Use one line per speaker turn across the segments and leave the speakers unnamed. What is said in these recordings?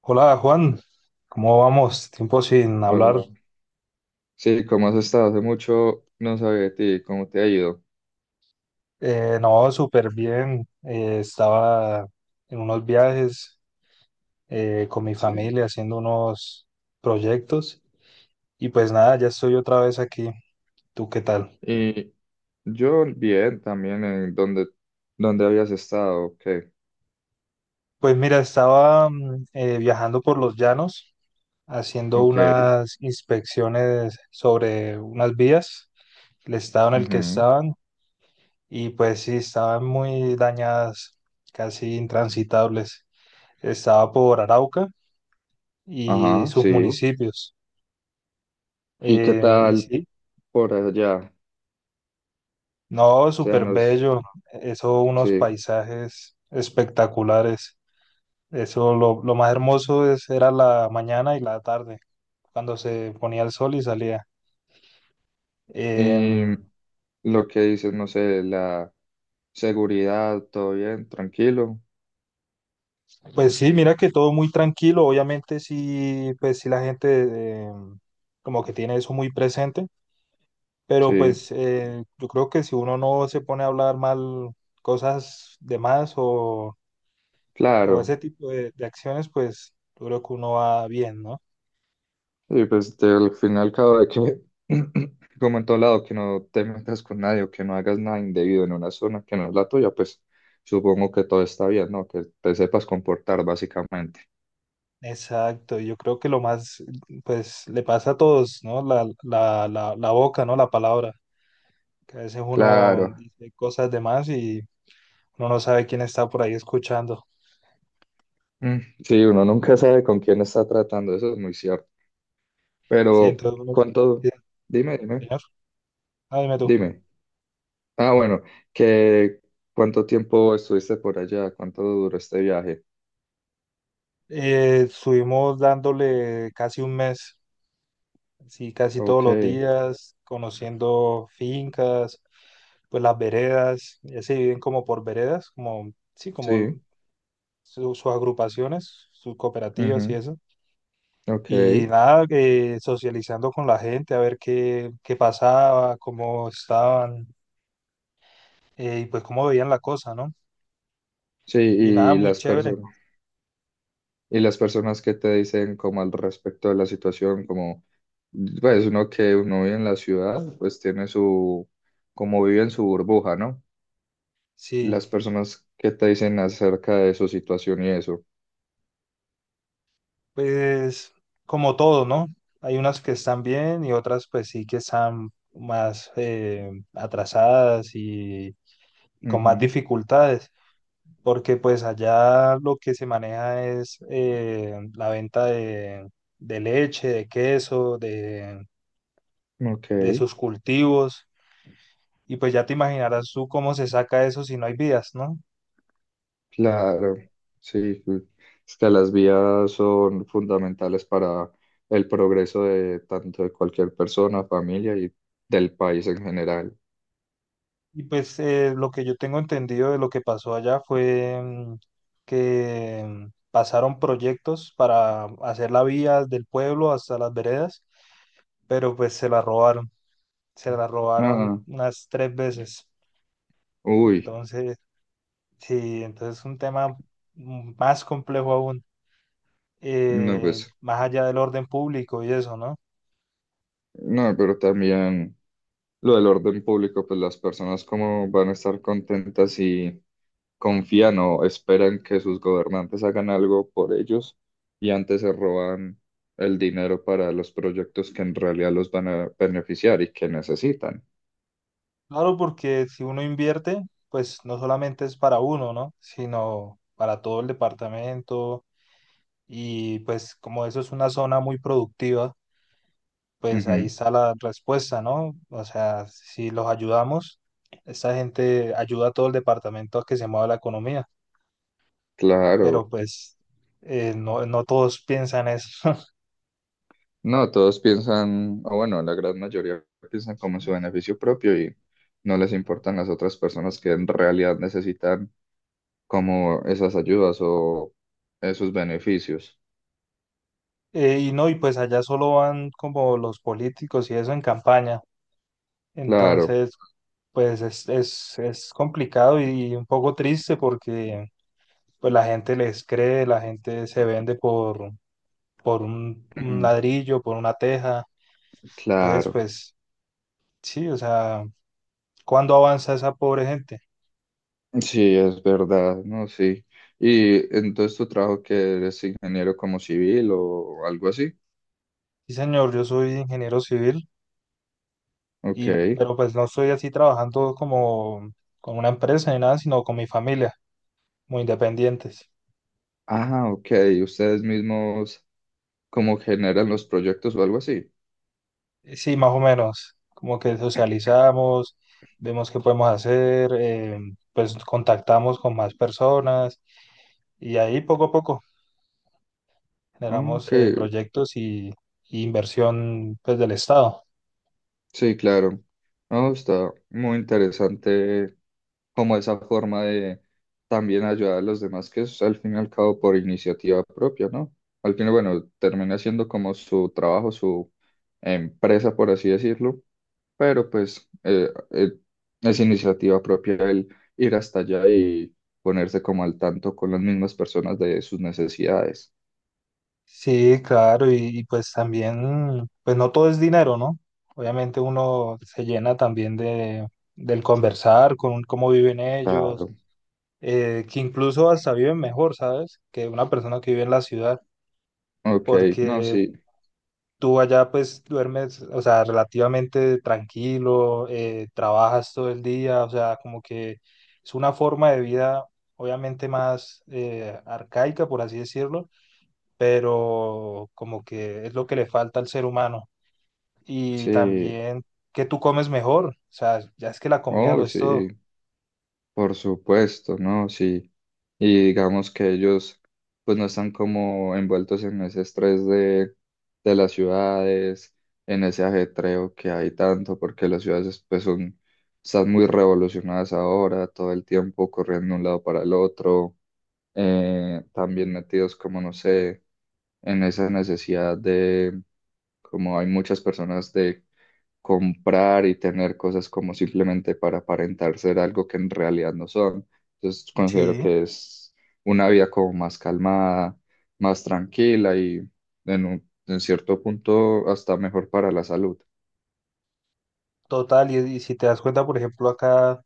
Hola Juan, ¿cómo vamos? Tiempo sin hablar.
Hola. Sí, ¿cómo has estado? Hace mucho no sabía de ti, ¿cómo te ha ido?
No, súper bien. Estaba en unos viajes con mi
Sí.
familia haciendo unos proyectos y pues nada, ya estoy otra vez aquí. ¿Tú qué tal?
Y yo bien también. ¿En donde, donde habías estado? Ok,
Pues mira, estaba viajando por los llanos haciendo
ok,
unas inspecciones sobre unas vías, el estado en el que
ujú,
estaban, y pues sí, estaban muy dañadas, casi intransitables. Estaba por Arauca y
ajá,
sus
sí.
municipios.
¿Y qué
Y
tal
sí,
por allá?
no,
O sea,
súper
nos,
bello, eso, unos
sí.
paisajes espectaculares. Eso, lo más hermoso es, era la mañana y la tarde, cuando se ponía el sol y salía.
Y
Em,
lo que dices, no sé, la seguridad, todo bien, tranquilo.
pues sí, mira que todo muy tranquilo, obviamente sí, pues sí la gente como que tiene eso muy presente, pero
Sí,
pues yo creo que si uno no se pone a hablar mal cosas de más o
claro.
ese tipo de acciones, pues yo creo que uno va bien, ¿no?
Al final cada vez que, como en todo lado, que no te metas con nadie o que no hagas nada indebido en una zona que no es la tuya, pues supongo que todo está bien, ¿no? Que te sepas comportar básicamente.
Exacto, yo creo que lo más, pues le pasa a todos, ¿no? La boca, ¿no? La palabra, que a veces uno
Claro.
dice cosas de más y uno no sabe quién está por ahí escuchando.
Mm, Sí, uno nunca sabe con quién está tratando, eso es muy cierto.
Sí,
Pero,
entonces,
¿cuánto?
sí,
Dime, dime,
señor, ah, dime tú.
dime. Ah, bueno, que ¿cuánto tiempo estuviste por allá? ¿Cuánto duró este viaje?
Estuvimos dándole casi un mes, sí, casi todos
Ok,
los días, conociendo fincas, pues las veredas, ya se dividen como por veredas, como, sí,
sí,
como sus agrupaciones, sus cooperativas y
ujú,
eso.
ok,
Y nada, socializando con la gente, a ver qué pasaba, cómo estaban y pues cómo veían la cosa, ¿no?
sí,
Y nada,
y
muy
las
chévere.
personas. Y las personas que te dicen como al respecto de la situación, como, pues uno que uno vive en la ciudad, pues tiene su, como vive en su burbuja, ¿no?
Sí,
Las personas que te dicen acerca de su situación y eso.
pues como todo, ¿no? Hay unas que están bien y otras pues sí que están más atrasadas y con más
Ujú,
dificultades. Porque pues allá lo que se maneja es la venta de leche, de queso, de
ok,
sus cultivos, y pues ya te imaginarás tú cómo se saca eso si no hay vías, ¿no?
claro, sí, pues, es que las vías son fundamentales para el progreso de tanto de cualquier persona, familia y del país en general.
Y pues lo que yo tengo entendido de lo que pasó allá fue que pasaron proyectos para hacer la vía del pueblo hasta las veredas, pero pues se la robaron
Ah,
unas tres veces.
uy,
entonces Sí, entonces es un tema más complejo aún,
no, pues,
más allá del orden público y eso, ¿no?
no, pero también... Lo del orden público, pues las personas como van a estar contentas si confían o esperan que sus gobernantes hagan algo por ellos y antes se roban el dinero para los proyectos que en realidad los van a beneficiar y que necesitan.
Claro, porque si uno invierte, pues no solamente es para uno, ¿no? Sino para todo el departamento, y pues como eso es una zona muy productiva, pues ahí
Ujú,
está la respuesta, ¿no? O sea, si los ayudamos, esta gente ayuda a todo el departamento a que se mueva la economía,
claro.
pero pues no, no todos piensan eso.
No, todos piensan, o bueno, la gran mayoría piensan como en su beneficio propio y no les importan las otras personas que en realidad necesitan como esas ayudas o esos beneficios.
Y no, y pues allá solo van como los políticos y eso en campaña.
Claro.
Entonces, pues es complicado y un poco triste porque pues la gente les cree, la gente se vende por un ladrillo, por una teja. Entonces,
Claro,
pues sí, o sea, ¿cuándo avanza esa pobre gente?
sí, es verdad, ¿no? Sí. Y entonces tu trabajo, que eres ingeniero como civil o algo así.
Sí, señor, yo soy ingeniero civil
Ok.
y pero pues no estoy así trabajando como con una empresa ni nada, sino con mi familia, muy independientes.
Ah, ok. Ustedes mismos como generan los proyectos o algo así.
Sí, más o menos, como que socializamos, vemos qué podemos hacer, pues contactamos con más personas y ahí poco a poco
Ok,
generamos proyectos y inversión pues del Estado.
sí, claro. No, está muy interesante como esa forma de también ayudar a los demás, que es al fin y al cabo por iniciativa propia, ¿no? Al final, bueno, termina siendo como su trabajo, su empresa, por así decirlo, pero pues es iniciativa propia el ir hasta allá y ponerse como al tanto con las mismas personas de sus necesidades.
Sí, claro, pues también, pues no todo es dinero, ¿no? Obviamente uno se llena también del conversar con cómo viven ellos,
Claro,
que incluso hasta viven mejor, ¿sabes? Que una persona que vive en la ciudad
ok, no,
porque
sí,
tú allá pues duermes, o sea, relativamente tranquilo, trabajas todo el día, o sea, como que es una forma de vida obviamente más arcaica, por así decirlo, pero como que es lo que le falta al ser humano. Y
sí,
también que tú comes mejor, o sea, ya es que la comida
oh,
lo es
sí,
todo.
por supuesto, ¿no? Sí. Y digamos que ellos pues no están como envueltos en ese estrés de las ciudades, en ese ajetreo que hay tanto, porque las ciudades pues son, están muy revolucionadas ahora, todo el tiempo corriendo de un lado para el otro, también metidos como, no sé, en esa necesidad de, como hay muchas personas de comprar y tener cosas como simplemente para aparentar ser algo que en realidad no son. Entonces considero
Sí.
que es una vida como más calmada, más tranquila y en un- en cierto punto hasta mejor para la salud.
Total, y si te das cuenta, por ejemplo, acá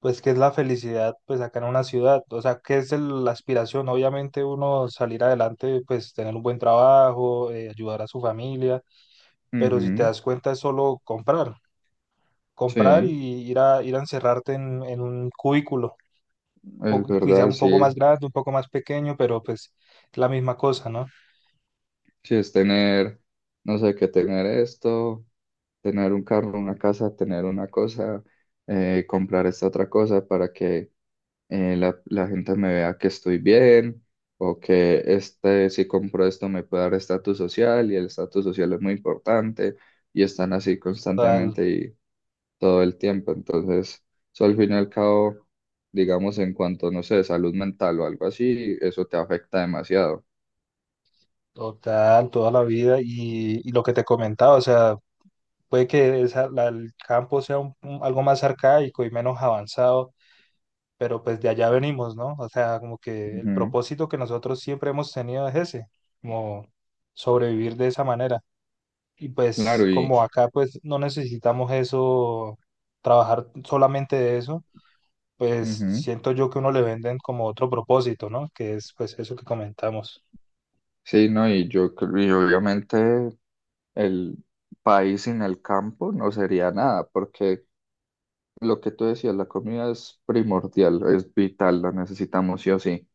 pues qué es la felicidad, pues acá en una ciudad, o sea, qué es la aspiración, obviamente uno salir adelante, pues tener un buen trabajo, ayudar a su familia, pero si te
Ujú,
das cuenta es solo comprar,
sí,
comprar y
es
ir ir a encerrarte en un cubículo, quizá
verdad,
un poco
sí.
más grande, un poco más pequeño, pero pues la misma cosa, ¿no?
Sí, es tener, no sé, que tener esto, tener un carro, una casa, tener una cosa, comprar esta otra cosa para que la gente me vea que estoy bien o que este, si compro esto me puede dar estatus social, y el estatus social es muy importante y están así
Total,
constantemente y todo el tiempo. Entonces, eso al fin y al cabo, digamos, en cuanto, no sé, salud mental o algo así, eso te afecta demasiado.
Total, toda la vida y lo que te comentaba, o sea, puede que el campo sea algo más arcaico y menos avanzado, pero pues de allá venimos, ¿no? O sea, como que el
Ujú,
propósito que nosotros siempre hemos tenido es ese, como sobrevivir de esa manera. Y pues
claro, y
como acá pues no necesitamos eso, trabajar solamente de eso, pues
ujú.
siento yo que uno le venden como otro propósito, ¿no? Que es pues eso que comentamos.
Sí, no, y yo creo, y obviamente el país sin el campo no sería nada, porque lo que tú decías, la comida es primordial, es vital, la necesitamos sí o sí.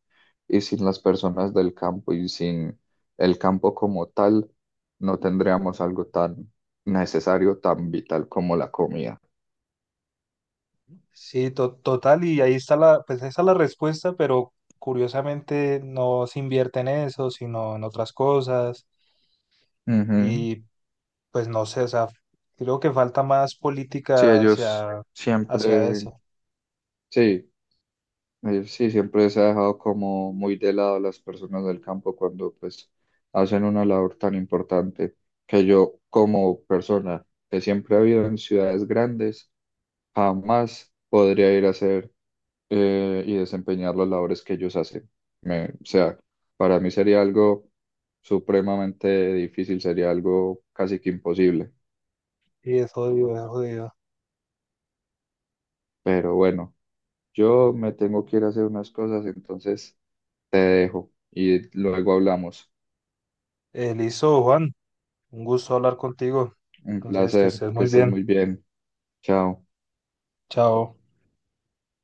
Y sin las personas del campo y sin el campo como tal, no tendríamos algo tan necesario, tan vital como la comida.
Sí, total, y ahí está la, pues esa es la respuesta, pero curiosamente no se invierte en eso, sino en otras cosas.
Ujú.
Y pues no sé, o sea, creo que falta más
Sí,
política
ellos
hacia
siempre,
eso.
sí, sí, siempre se ha dejado como muy de lado a las personas del campo cuando pues hacen una labor tan importante que yo, como persona que siempre ha vivido en ciudades grandes, jamás podría ir a hacer y desempeñar las labores que ellos hacen. Me- o sea, para mí sería algo supremamente difícil, sería algo casi que imposible.
Y es jodido, es jodido.
Pero bueno, yo me tengo que ir a hacer unas cosas, entonces te dejo y luego hablamos.
Listo, Juan, un gusto hablar contigo.
Un
Entonces, que
placer,
estés
que
muy
estés
bien.
muy bien. Chao.
Chao.